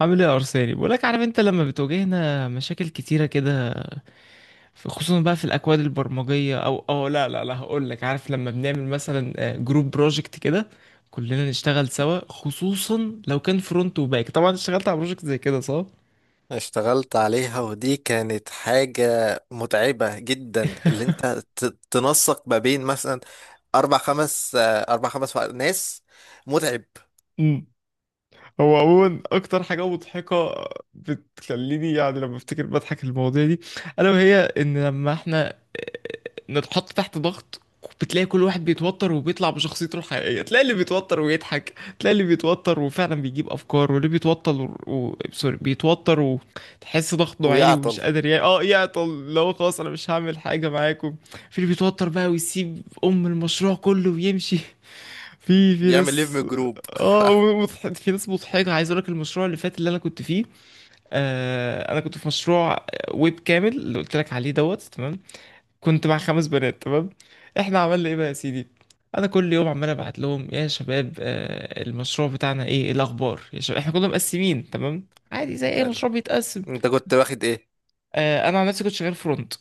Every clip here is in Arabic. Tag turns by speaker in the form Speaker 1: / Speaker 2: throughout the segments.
Speaker 1: عامل ايه يا ارساني؟ بقولك، عارف انت لما بتواجهنا مشاكل كتيره كده، خصوصا بقى في الاكواد البرمجيه، او لا لا لا، هقول لك. عارف لما بنعمل مثلا جروب بروجكت كده كلنا نشتغل سوا؟ خصوصا لو كان فرونت وباك. طبعا اشتغلت على بروجكت زي كده صح؟
Speaker 2: اشتغلت عليها، ودي كانت حاجة متعبة جدا. اللي انت تنسق ما بين مثلا اربع خمس آه، اربع خمس ناس. متعب.
Speaker 1: هو عموما اكتر حاجه مضحكه بتخليني يعني لما افتكر بضحك المواضيع دي، الا وهي ان لما احنا نتحط تحت ضغط، بتلاقي كل واحد بيتوتر وبيطلع بشخصيته الحقيقيه. تلاقي اللي بيتوتر ويضحك، تلاقي اللي بيتوتر وفعلا بيجيب افكار، واللي بيتوتر سوري، بيتوتر وتحس ضغطه عالي
Speaker 2: ويعطل.
Speaker 1: ومش قادر، يعني يعطل، لو خلاص انا مش هعمل حاجه معاكم. في اللي بيتوتر بقى ويسيب ام المشروع كله ويمشي. في في
Speaker 2: يعمل ليف
Speaker 1: ناس
Speaker 2: جروب.
Speaker 1: اه في ناس مضحكه. عايز اقول لك المشروع اللي فات اللي انا كنت فيه. انا كنت في مشروع ويب كامل اللي قلت لك عليه دوت. تمام. كنت مع خمس بنات، تمام. احنا عملنا ايه بقى يا سيدي؟ انا كل يوم عمال ابعت لهم: يا شباب، المشروع بتاعنا ايه؟ إيه الاخبار يا شباب؟ احنا كنا مقسمين تمام، عادي زي اي
Speaker 2: حلو.
Speaker 1: مشروع بيتقسم.
Speaker 2: انت كنت واخد ايه؟
Speaker 1: انا عن نفسي كنت شغال فرونت.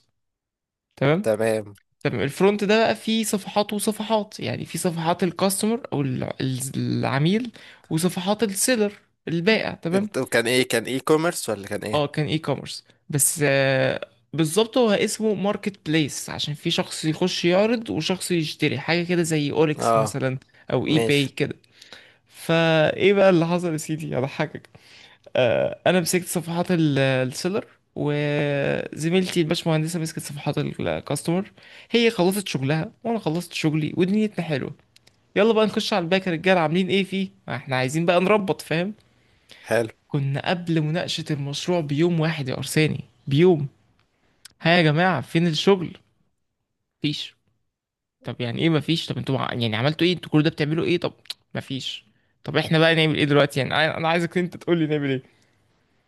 Speaker 1: تمام.
Speaker 2: تمام.
Speaker 1: تمام. الفرونت ده بقى فيه صفحات وصفحات، يعني في صفحات الكاستمر او العميل، وصفحات السيلر، البائع، تمام.
Speaker 2: انت كان ايه؟ كان اي كوميرس ولا كان
Speaker 1: اه،
Speaker 2: ايه؟
Speaker 1: كان اي كوميرس، بس بالظبط هو اسمه ماركت بليس، عشان في شخص يخش يعرض وشخص يشتري حاجه كده، زي اوليكس
Speaker 2: اه،
Speaker 1: مثلا، او اي باي
Speaker 2: ماشي.
Speaker 1: كده. فايه بقى اللي حصل يا سيدي؟ اضحكك. انا مسكت صفحات السيلر، وزميلتي الباشمهندسه مسكت صفحات الكاستمر. هي خلصت شغلها وانا خلصت شغلي، ودنيتنا حلوه. يلا بقى نخش على الباك. يا رجاله، عاملين ايه فيه؟ ما احنا عايزين بقى نربط، فاهم.
Speaker 2: حلو.
Speaker 1: كنا قبل مناقشه المشروع بيوم واحد يا ارساني، بيوم. ها يا جماعه، فين الشغل؟ مفيش. طب يعني ايه مفيش؟ طب انتوا يعني عملتوا ايه؟ انتوا كل ده بتعملوا ايه طب؟ مفيش. طب احنا بقى نعمل ايه دلوقتي؟ يعني انا عايزك انت تقول لي نعمل ايه.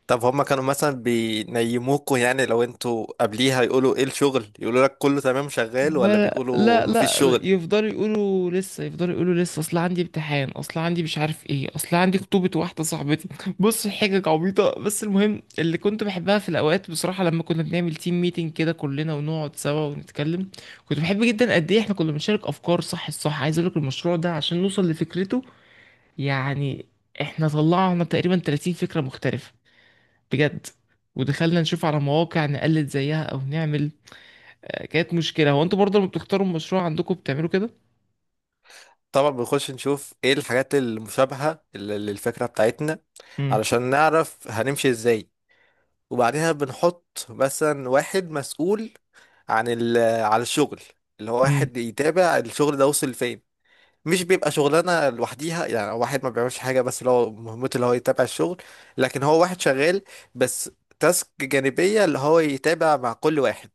Speaker 2: طب هما كانوا مثلا بينيموكوا؟ يعني لو انتوا قبليها يقولوا ايه الشغل؟ يقولوا لك كله تمام شغال ولا
Speaker 1: ولا،
Speaker 2: بيقولوا
Speaker 1: لا
Speaker 2: مفيش
Speaker 1: لا،
Speaker 2: شغل؟
Speaker 1: يفضلوا يقولوا لسه، يفضلوا يقولوا لسه: اصل عندي امتحان، اصل عندي مش عارف ايه، اصل عندي خطوبة واحدة صاحبتي. بص، حاجة عبيطة. بس المهم، اللي كنت بحبها في الاوقات بصراحة لما كنا بنعمل تيم ميتنج كده كلنا ونقعد سوا ونتكلم، كنت بحب جدا قد ايه احنا كنا بنشارك افكار. صح، الصح عايز اقول لك المشروع ده عشان نوصل لفكرته، يعني احنا طلعنا تقريبا 30 فكرة مختلفة، بجد. ودخلنا نشوف على مواقع نقلد زيها او نعمل. كانت مشكلة. هو انتوا برضه لما بتختاروا المشروع عندكم بتعملوا كده؟
Speaker 2: طبعا بنخش نشوف ايه الحاجات المشابهة للفكرة بتاعتنا،
Speaker 1: امم.
Speaker 2: علشان نعرف هنمشي ازاي. وبعدها بنحط مثلا واحد مسؤول عن ال على الشغل، اللي هو
Speaker 1: امم.
Speaker 2: واحد يتابع الشغل ده وصل فين. مش بيبقى شغلانة لوحديها، يعني واحد ما بيعملش حاجة، بس اللي هو مهمته اللي هو يتابع الشغل. لكن هو واحد شغال بس، تاسك جانبية اللي هو يتابع مع كل واحد.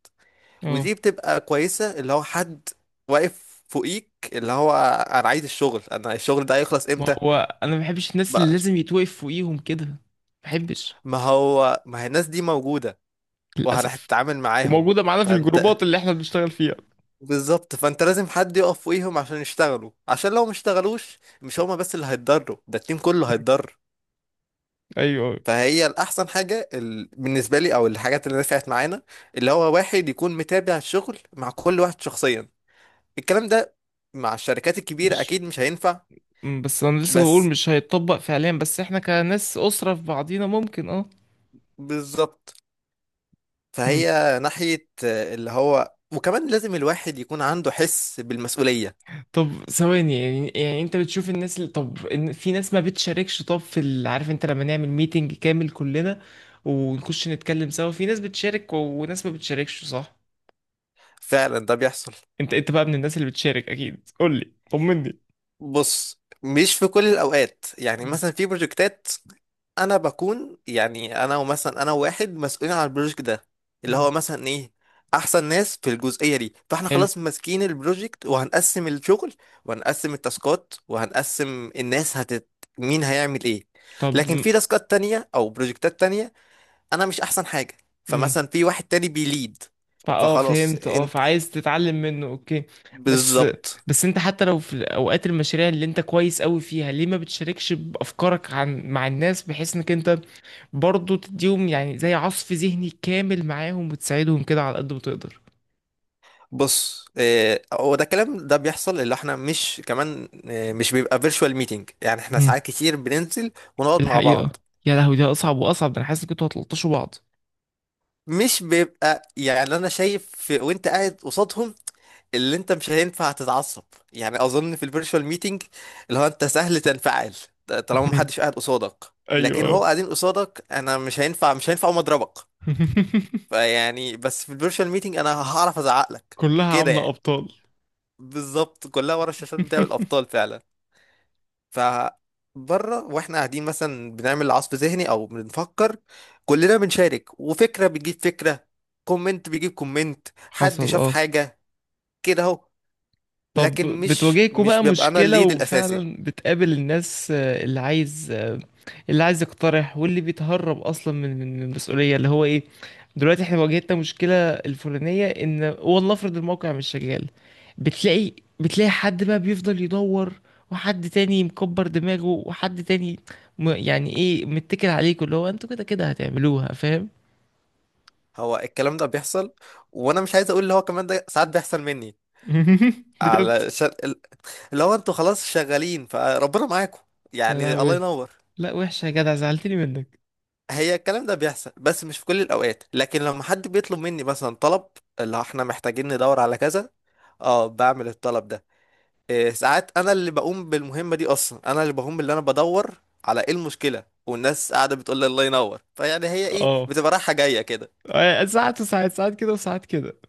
Speaker 1: اه.
Speaker 2: ودي بتبقى كويسة، اللي هو حد واقف فوقيك، اللي هو انا عايز الشغل، انا الشغل ده هيخلص
Speaker 1: ما
Speaker 2: امتى؟
Speaker 1: هو انا ما بحبش الناس اللي
Speaker 2: بقى
Speaker 1: لازم يتوقف فوقيهم كده، ما بحبش.
Speaker 2: ما هو، ما هي الناس دي موجودة
Speaker 1: للأسف.
Speaker 2: وهتتعامل معاهم.
Speaker 1: وموجودة معانا في
Speaker 2: فانت،
Speaker 1: الجروبات اللي احنا بنشتغل فيها.
Speaker 2: بالظبط. فانت لازم حد يقف فوقيهم عشان يشتغلوا، عشان لو ما اشتغلوش مش هما بس اللي هيتضروا، ده التيم كله
Speaker 1: مم.
Speaker 2: هيتضر.
Speaker 1: ايوه، أيوة.
Speaker 2: فهي الأحسن حاجة بالنسبة لي، أو الحاجات اللي نفعت معانا، اللي هو واحد يكون متابع الشغل مع كل واحد شخصيا. الكلام ده مع الشركات الكبيرة
Speaker 1: مش،
Speaker 2: أكيد مش هينفع.
Speaker 1: بس انا لسه بقول
Speaker 2: بس
Speaker 1: مش هيتطبق فعليا، بس احنا كناس أسرة في بعضينا ممكن، اه.
Speaker 2: بالظبط. فهي ناحية اللي هو، وكمان لازم الواحد يكون عنده حس بالمسؤولية.
Speaker 1: طب ثواني، يعني انت بتشوف الناس اللي، طب في ناس ما بتشاركش، طب في عارف انت لما نعمل ميتنج كامل كلنا ونخش نتكلم سوا، في ناس بتشارك وناس ما بتشاركش صح؟
Speaker 2: فعلا ده بيحصل.
Speaker 1: انت بقى من الناس اللي بتشارك، اكيد قول لي، طمني.
Speaker 2: بص، مش في كل الأوقات. يعني
Speaker 1: مم.
Speaker 2: مثلا في بروجكتات أنا بكون، يعني أنا ومثلا أنا وواحد مسؤولين على البروجكت ده، اللي
Speaker 1: مم.
Speaker 2: هو مثلا إيه، أحسن ناس في الجزئية دي. فإحنا
Speaker 1: حلو.
Speaker 2: خلاص ماسكين البروجكت وهنقسم الشغل وهنقسم التاسكات وهنقسم الناس هتت، مين هيعمل إيه.
Speaker 1: طب،
Speaker 2: لكن في تاسكات تانية أو بروجكتات تانية انا مش احسن حاجه،
Speaker 1: امم،
Speaker 2: فمثلا في واحد تاني بيليد، فخلاص
Speaker 1: فهمت، اه،
Speaker 2: انت،
Speaker 1: فعايز تتعلم منه، اوكي. بس،
Speaker 2: بالظبط.
Speaker 1: بس انت حتى لو في اوقات المشاريع اللي انت كويس قوي فيها ليه ما بتشاركش بافكارك مع الناس، بحيث انك انت برضه تديهم يعني زي عصف ذهني كامل معاهم وتساعدهم كده على قد ما تقدر؟
Speaker 2: بص هو ده. الكلام ده بيحصل، اللي احنا مش كمان، مش بيبقى فيرتشوال ميتنج. يعني احنا
Speaker 1: مهم.
Speaker 2: ساعات كتير بننزل
Speaker 1: في
Speaker 2: ونقعد مع بعض.
Speaker 1: الحقيقة. يا لهوي، ده أصعب وأصعب، ده أنا حاسس إن كنتوا هتلطشوا بعض.
Speaker 2: مش بيبقى يعني، انا شايف وانت قاعد قصادهم اللي انت مش هينفع تتعصب. يعني اظن في الفيرتشوال ميتنج اللي هو انت سهل تنفعل طالما
Speaker 1: مهم.
Speaker 2: محدش قاعد قصادك. لكن هو
Speaker 1: ايوه.
Speaker 2: قاعدين قصادك انا مش هينفع أقوم اضربك. فيعني بس في الفيرتشوال ميتنج انا هعرف ازعق لك
Speaker 1: كلها
Speaker 2: كده
Speaker 1: عاملة
Speaker 2: يعني.
Speaker 1: ابطال.
Speaker 2: بالظبط، كلها ورا الشاشات بتاع الابطال فعلا. ف بره واحنا قاعدين مثلا بنعمل عصف ذهني او بنفكر، كلنا بنشارك، وفكره بتجيب فكره، كومنت بيجيب كومنت، حد
Speaker 1: حصل،
Speaker 2: شاف
Speaker 1: اه.
Speaker 2: حاجه كده اهو.
Speaker 1: طب
Speaker 2: لكن مش
Speaker 1: بتواجهكوا
Speaker 2: مش
Speaker 1: بقى
Speaker 2: بيبقى انا
Speaker 1: مشكلة
Speaker 2: الليد الاساسي.
Speaker 1: وفعلا بتقابل الناس، اللي عايز، اللي عايز يقترح واللي بيتهرب اصلا من المسؤولية؟ اللي هو ايه، دلوقتي احنا واجهتنا مشكلة الفلانية ان، والله افرض الموقع مش شغال، بتلاقي، حد بقى بيفضل يدور، وحد تاني مكبر دماغه، وحد تاني يعني ايه، متكل عليكوا، اللي هو انتوا كده كده هتعملوها، فاهم.
Speaker 2: هو الكلام ده بيحصل، وانا مش عايز اقول اللي هو كمان ده ساعات بيحصل مني
Speaker 1: بجد.
Speaker 2: على شر... اللي هو انتوا خلاص شغالين فربنا معاكم،
Speaker 1: يا
Speaker 2: يعني الله
Speaker 1: لهوي.
Speaker 2: ينور.
Speaker 1: لا، وحشة يا جدع، زعلتني منك.
Speaker 2: هي الكلام ده بيحصل بس مش في كل الاوقات. لكن لما حد بيطلب مني مثلا طلب، اللي احنا محتاجين ندور على كذا، اه بعمل الطلب ده. إيه ساعات انا اللي بقوم بالمهمة دي اصلا، انا اللي بقوم اللي انا بدور على ايه المشكلة والناس قاعدة بتقول لي الله ينور. فيعني هي ايه،
Speaker 1: اه.
Speaker 2: بتبقى رايحة جاية كده.
Speaker 1: ساعات وساعات، ساعات كده وساعات كده.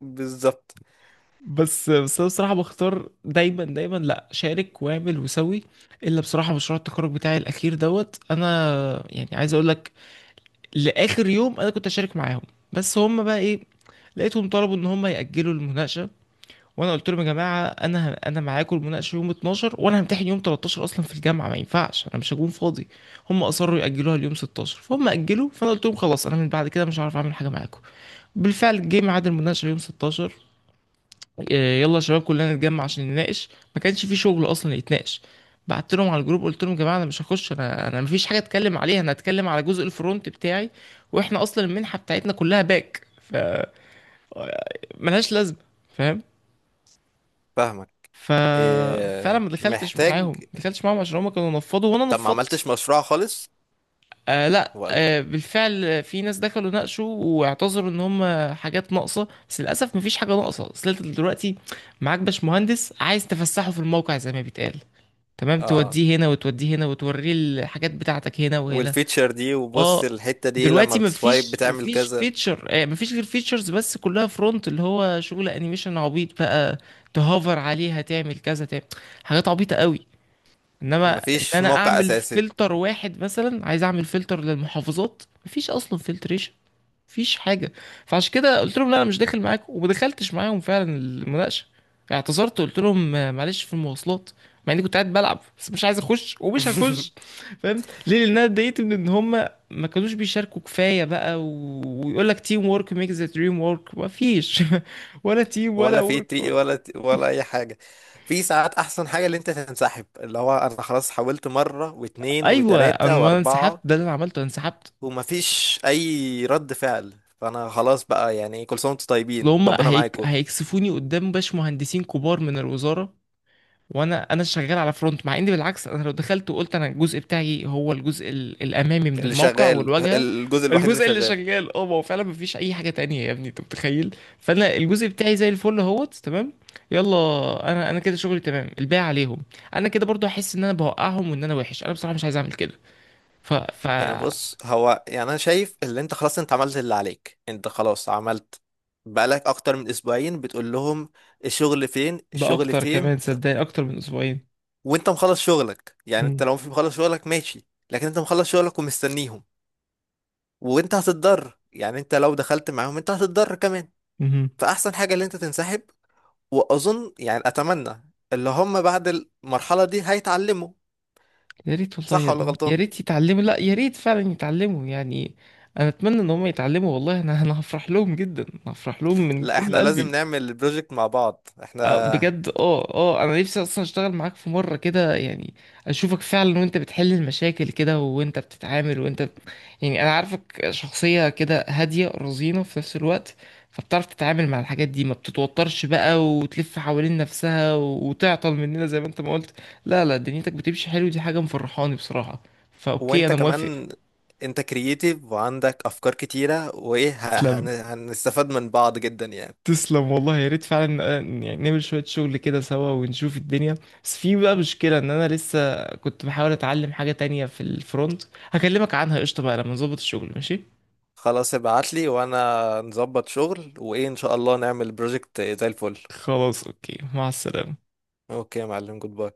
Speaker 2: بالظبط.
Speaker 1: بس، بس انا بصراحه بختار دايما، دايما، لا، شارك واعمل وسوي، الا بصراحه مشروع التخرج بتاعي الاخير دوت. انا يعني عايز اقول لك، لاخر يوم انا كنت اشارك معاهم. بس هم بقى ايه؟ لقيتهم طلبوا ان هم ياجلوا المناقشه. وانا قلت لهم: يا جماعه، انا انا معاكم المناقشه يوم 12 وانا همتحن يوم 13 اصلا في الجامعه، ما ينفعش، انا مش هكون فاضي. هم اصروا ياجلوها ليوم 16، فهم اجلوا، فانا قلت لهم: خلاص انا من بعد كده مش هعرف اعمل حاجه معاكم. بالفعل جه ميعاد المناقشه يوم 16. إيه، يلا يا شباب كلنا نتجمع عشان نناقش. ما كانش في شغل اصلا يتناقش. بعت لهم على الجروب، قلت لهم: يا جماعه، انا مش هخش، انا مفيش حاجه اتكلم عليها، انا هتكلم على جزء الفرونت بتاعي، واحنا اصلا المنحه بتاعتنا كلها باك، فملهاش لازمه، فاهم.
Speaker 2: فاهمك.
Speaker 1: ف فانا
Speaker 2: إيه
Speaker 1: ما دخلتش
Speaker 2: محتاج.
Speaker 1: معاهم، ما دخلتش معاهم، عشان هما كانوا نفضوا وانا
Speaker 2: طب ما
Speaker 1: نفضت.
Speaker 2: عملتش مشروع خالص
Speaker 1: آه، لا،
Speaker 2: ولا؟
Speaker 1: آه، بالفعل في ناس دخلوا ناقشوا واعتذروا ان هم حاجات ناقصه، بس للاسف مفيش حاجه ناقصه. اصل انت دلوقتي معاك باش مهندس، عايز تفسحه في الموقع زي ما بيتقال، تمام،
Speaker 2: اه،
Speaker 1: توديه هنا وتوديه هنا، وتوريه الحاجات بتاعتك هنا وهنا،
Speaker 2: والفيتشر دي، وبص
Speaker 1: اه.
Speaker 2: الحتة دي لما
Speaker 1: دلوقتي
Speaker 2: بتسوايب
Speaker 1: مفيش،
Speaker 2: بتعمل كذا.
Speaker 1: فيتشر، مفيش غير فيتشرز بس، كلها فرونت، اللي هو شغل انيميشن عبيط بقى، تهوفر عليها تعمل كذا، تعمل حاجات عبيطة قوي. انما ان
Speaker 2: مفيش
Speaker 1: انا
Speaker 2: موقع
Speaker 1: اعمل
Speaker 2: اساسي.
Speaker 1: فلتر واحد، مثلا عايز اعمل فلتر للمحافظات، مفيش اصلا فلتريشن، مفيش حاجه. فعشان كده قلت لهم لا انا مش داخل معاكم، وما دخلتش معاهم فعلا المناقشه. يعني اعتذرت وقلت لهم معلش في المواصلات، مع اني كنت قاعد بلعب، بس مش عايز اخش ومش هخش. فاهم ليه؟ لان انا اتضايقت من ان هم ما كانوش بيشاركوا كفايه بقى، ويقول لك: تيم وورك ميك ذا دريم وورك، ما فيش. ولا تيم ولا
Speaker 2: ولا في
Speaker 1: وورك
Speaker 2: تي
Speaker 1: ولا...
Speaker 2: ولا ولا اي حاجه. في ساعات احسن حاجه اللي انت تنسحب، اللي هو انا خلاص حاولت مره واتنين
Speaker 1: ايوه،
Speaker 2: وتلاته
Speaker 1: انا ما أنا انسحبت،
Speaker 2: واربعه
Speaker 1: ده اللي انا عملته، انا انسحبت.
Speaker 2: ومفيش اي رد فعل. فانا
Speaker 1: اصل
Speaker 2: خلاص بقى، يعني كل سنه وانتم طيبين،
Speaker 1: هم
Speaker 2: ربنا معاكم.
Speaker 1: هيكسفوني قدام باش مهندسين كبار من الوزاره. انا شغال على فرونت، مع اني بالعكس انا لو دخلت وقلت انا الجزء بتاعي هو الجزء الامامي من
Speaker 2: اللي
Speaker 1: الموقع
Speaker 2: شغال
Speaker 1: والواجهه،
Speaker 2: الجزء الوحيد اللي
Speaker 1: الجزء اللي
Speaker 2: شغال.
Speaker 1: شغال. اه، ما هو فعلا مفيش اي حاجه تانية يا ابني، انت متخيل؟ فانا الجزء بتاعي زي الفل اهوت، تمام، يلا. انا كده شغلي تمام، الباقي عليهم. انا كده برضو احس ان انا بوقعهم وان انا وحش، انا بصراحه مش عايز اعمل كده. ف ف
Speaker 2: يعني بص، هو يعني انا شايف اللي انت خلاص انت عملت اللي عليك، انت خلاص عملت. بقالك اكتر من اسبوعين بتقول لهم الشغل فين
Speaker 1: ده
Speaker 2: الشغل
Speaker 1: اكتر
Speaker 2: فين.
Speaker 1: كمان، صدقني، اكتر من اسبوعين.
Speaker 2: وانت مخلص شغلك يعني، انت
Speaker 1: مم.
Speaker 2: لو في مخلص شغلك ماشي، لكن انت مخلص شغلك ومستنيهم. وانت هتتضر يعني، انت لو دخلت معاهم انت هتتضر كمان.
Speaker 1: مهم.
Speaker 2: فاحسن حاجة اللي انت تنسحب. واظن يعني، اتمنى اللي هم بعد المرحلة دي هيتعلموا.
Speaker 1: يا ريت والله
Speaker 2: صح
Speaker 1: يا
Speaker 2: ولا
Speaker 1: ابني، يا
Speaker 2: غلطان؟
Speaker 1: ريت يتعلموا، لا، يا ريت فعلا يتعلموا يعني، انا اتمنى ان هم يتعلموا والله، انا هفرح لهم جدا، هفرح لهم من
Speaker 2: لا،
Speaker 1: كل
Speaker 2: احنا لازم
Speaker 1: قلبي.
Speaker 2: نعمل البروجكت مع بعض احنا.
Speaker 1: بجد، اه، اه، انا نفسي اصلا اشتغل معاك في مره كده يعني، اشوفك فعلا وانت بتحل المشاكل كده، وانت بتتعامل، وانت يعني، انا عارفك شخصيه كده هاديه رزينه في نفس الوقت، فبتعرف تتعامل مع الحاجات دي، ما بتتوترش بقى وتلف حوالين نفسها وتعطل مننا زي ما انت ما قلت. لا لا، دنيتك بتمشي حلو، دي حاجه مفرحاني بصراحه. فاوكي،
Speaker 2: وانت
Speaker 1: انا موافق.
Speaker 2: كمان، انت كرييتيف وعندك افكار كتيرة، وايه،
Speaker 1: تسلم،
Speaker 2: هنستفاد من بعض جدا يعني.
Speaker 1: تسلم والله، يا ريت فعلا يعني نعمل شوية شغل كده سوا ونشوف الدنيا. بس في بقى مشكلة، ان انا لسه كنت بحاول اتعلم حاجة تانية في الفرونت، هكلمك عنها قشطة بقى لما نظبط الشغل، ماشي.
Speaker 2: خلاص، ابعتلي وانا نظبط شغل، وايه، ان شاء الله نعمل بروجكت زي الفل.
Speaker 1: خلاص، اوكي، مع السلامة.
Speaker 2: اوكي يا معلم، جود باي.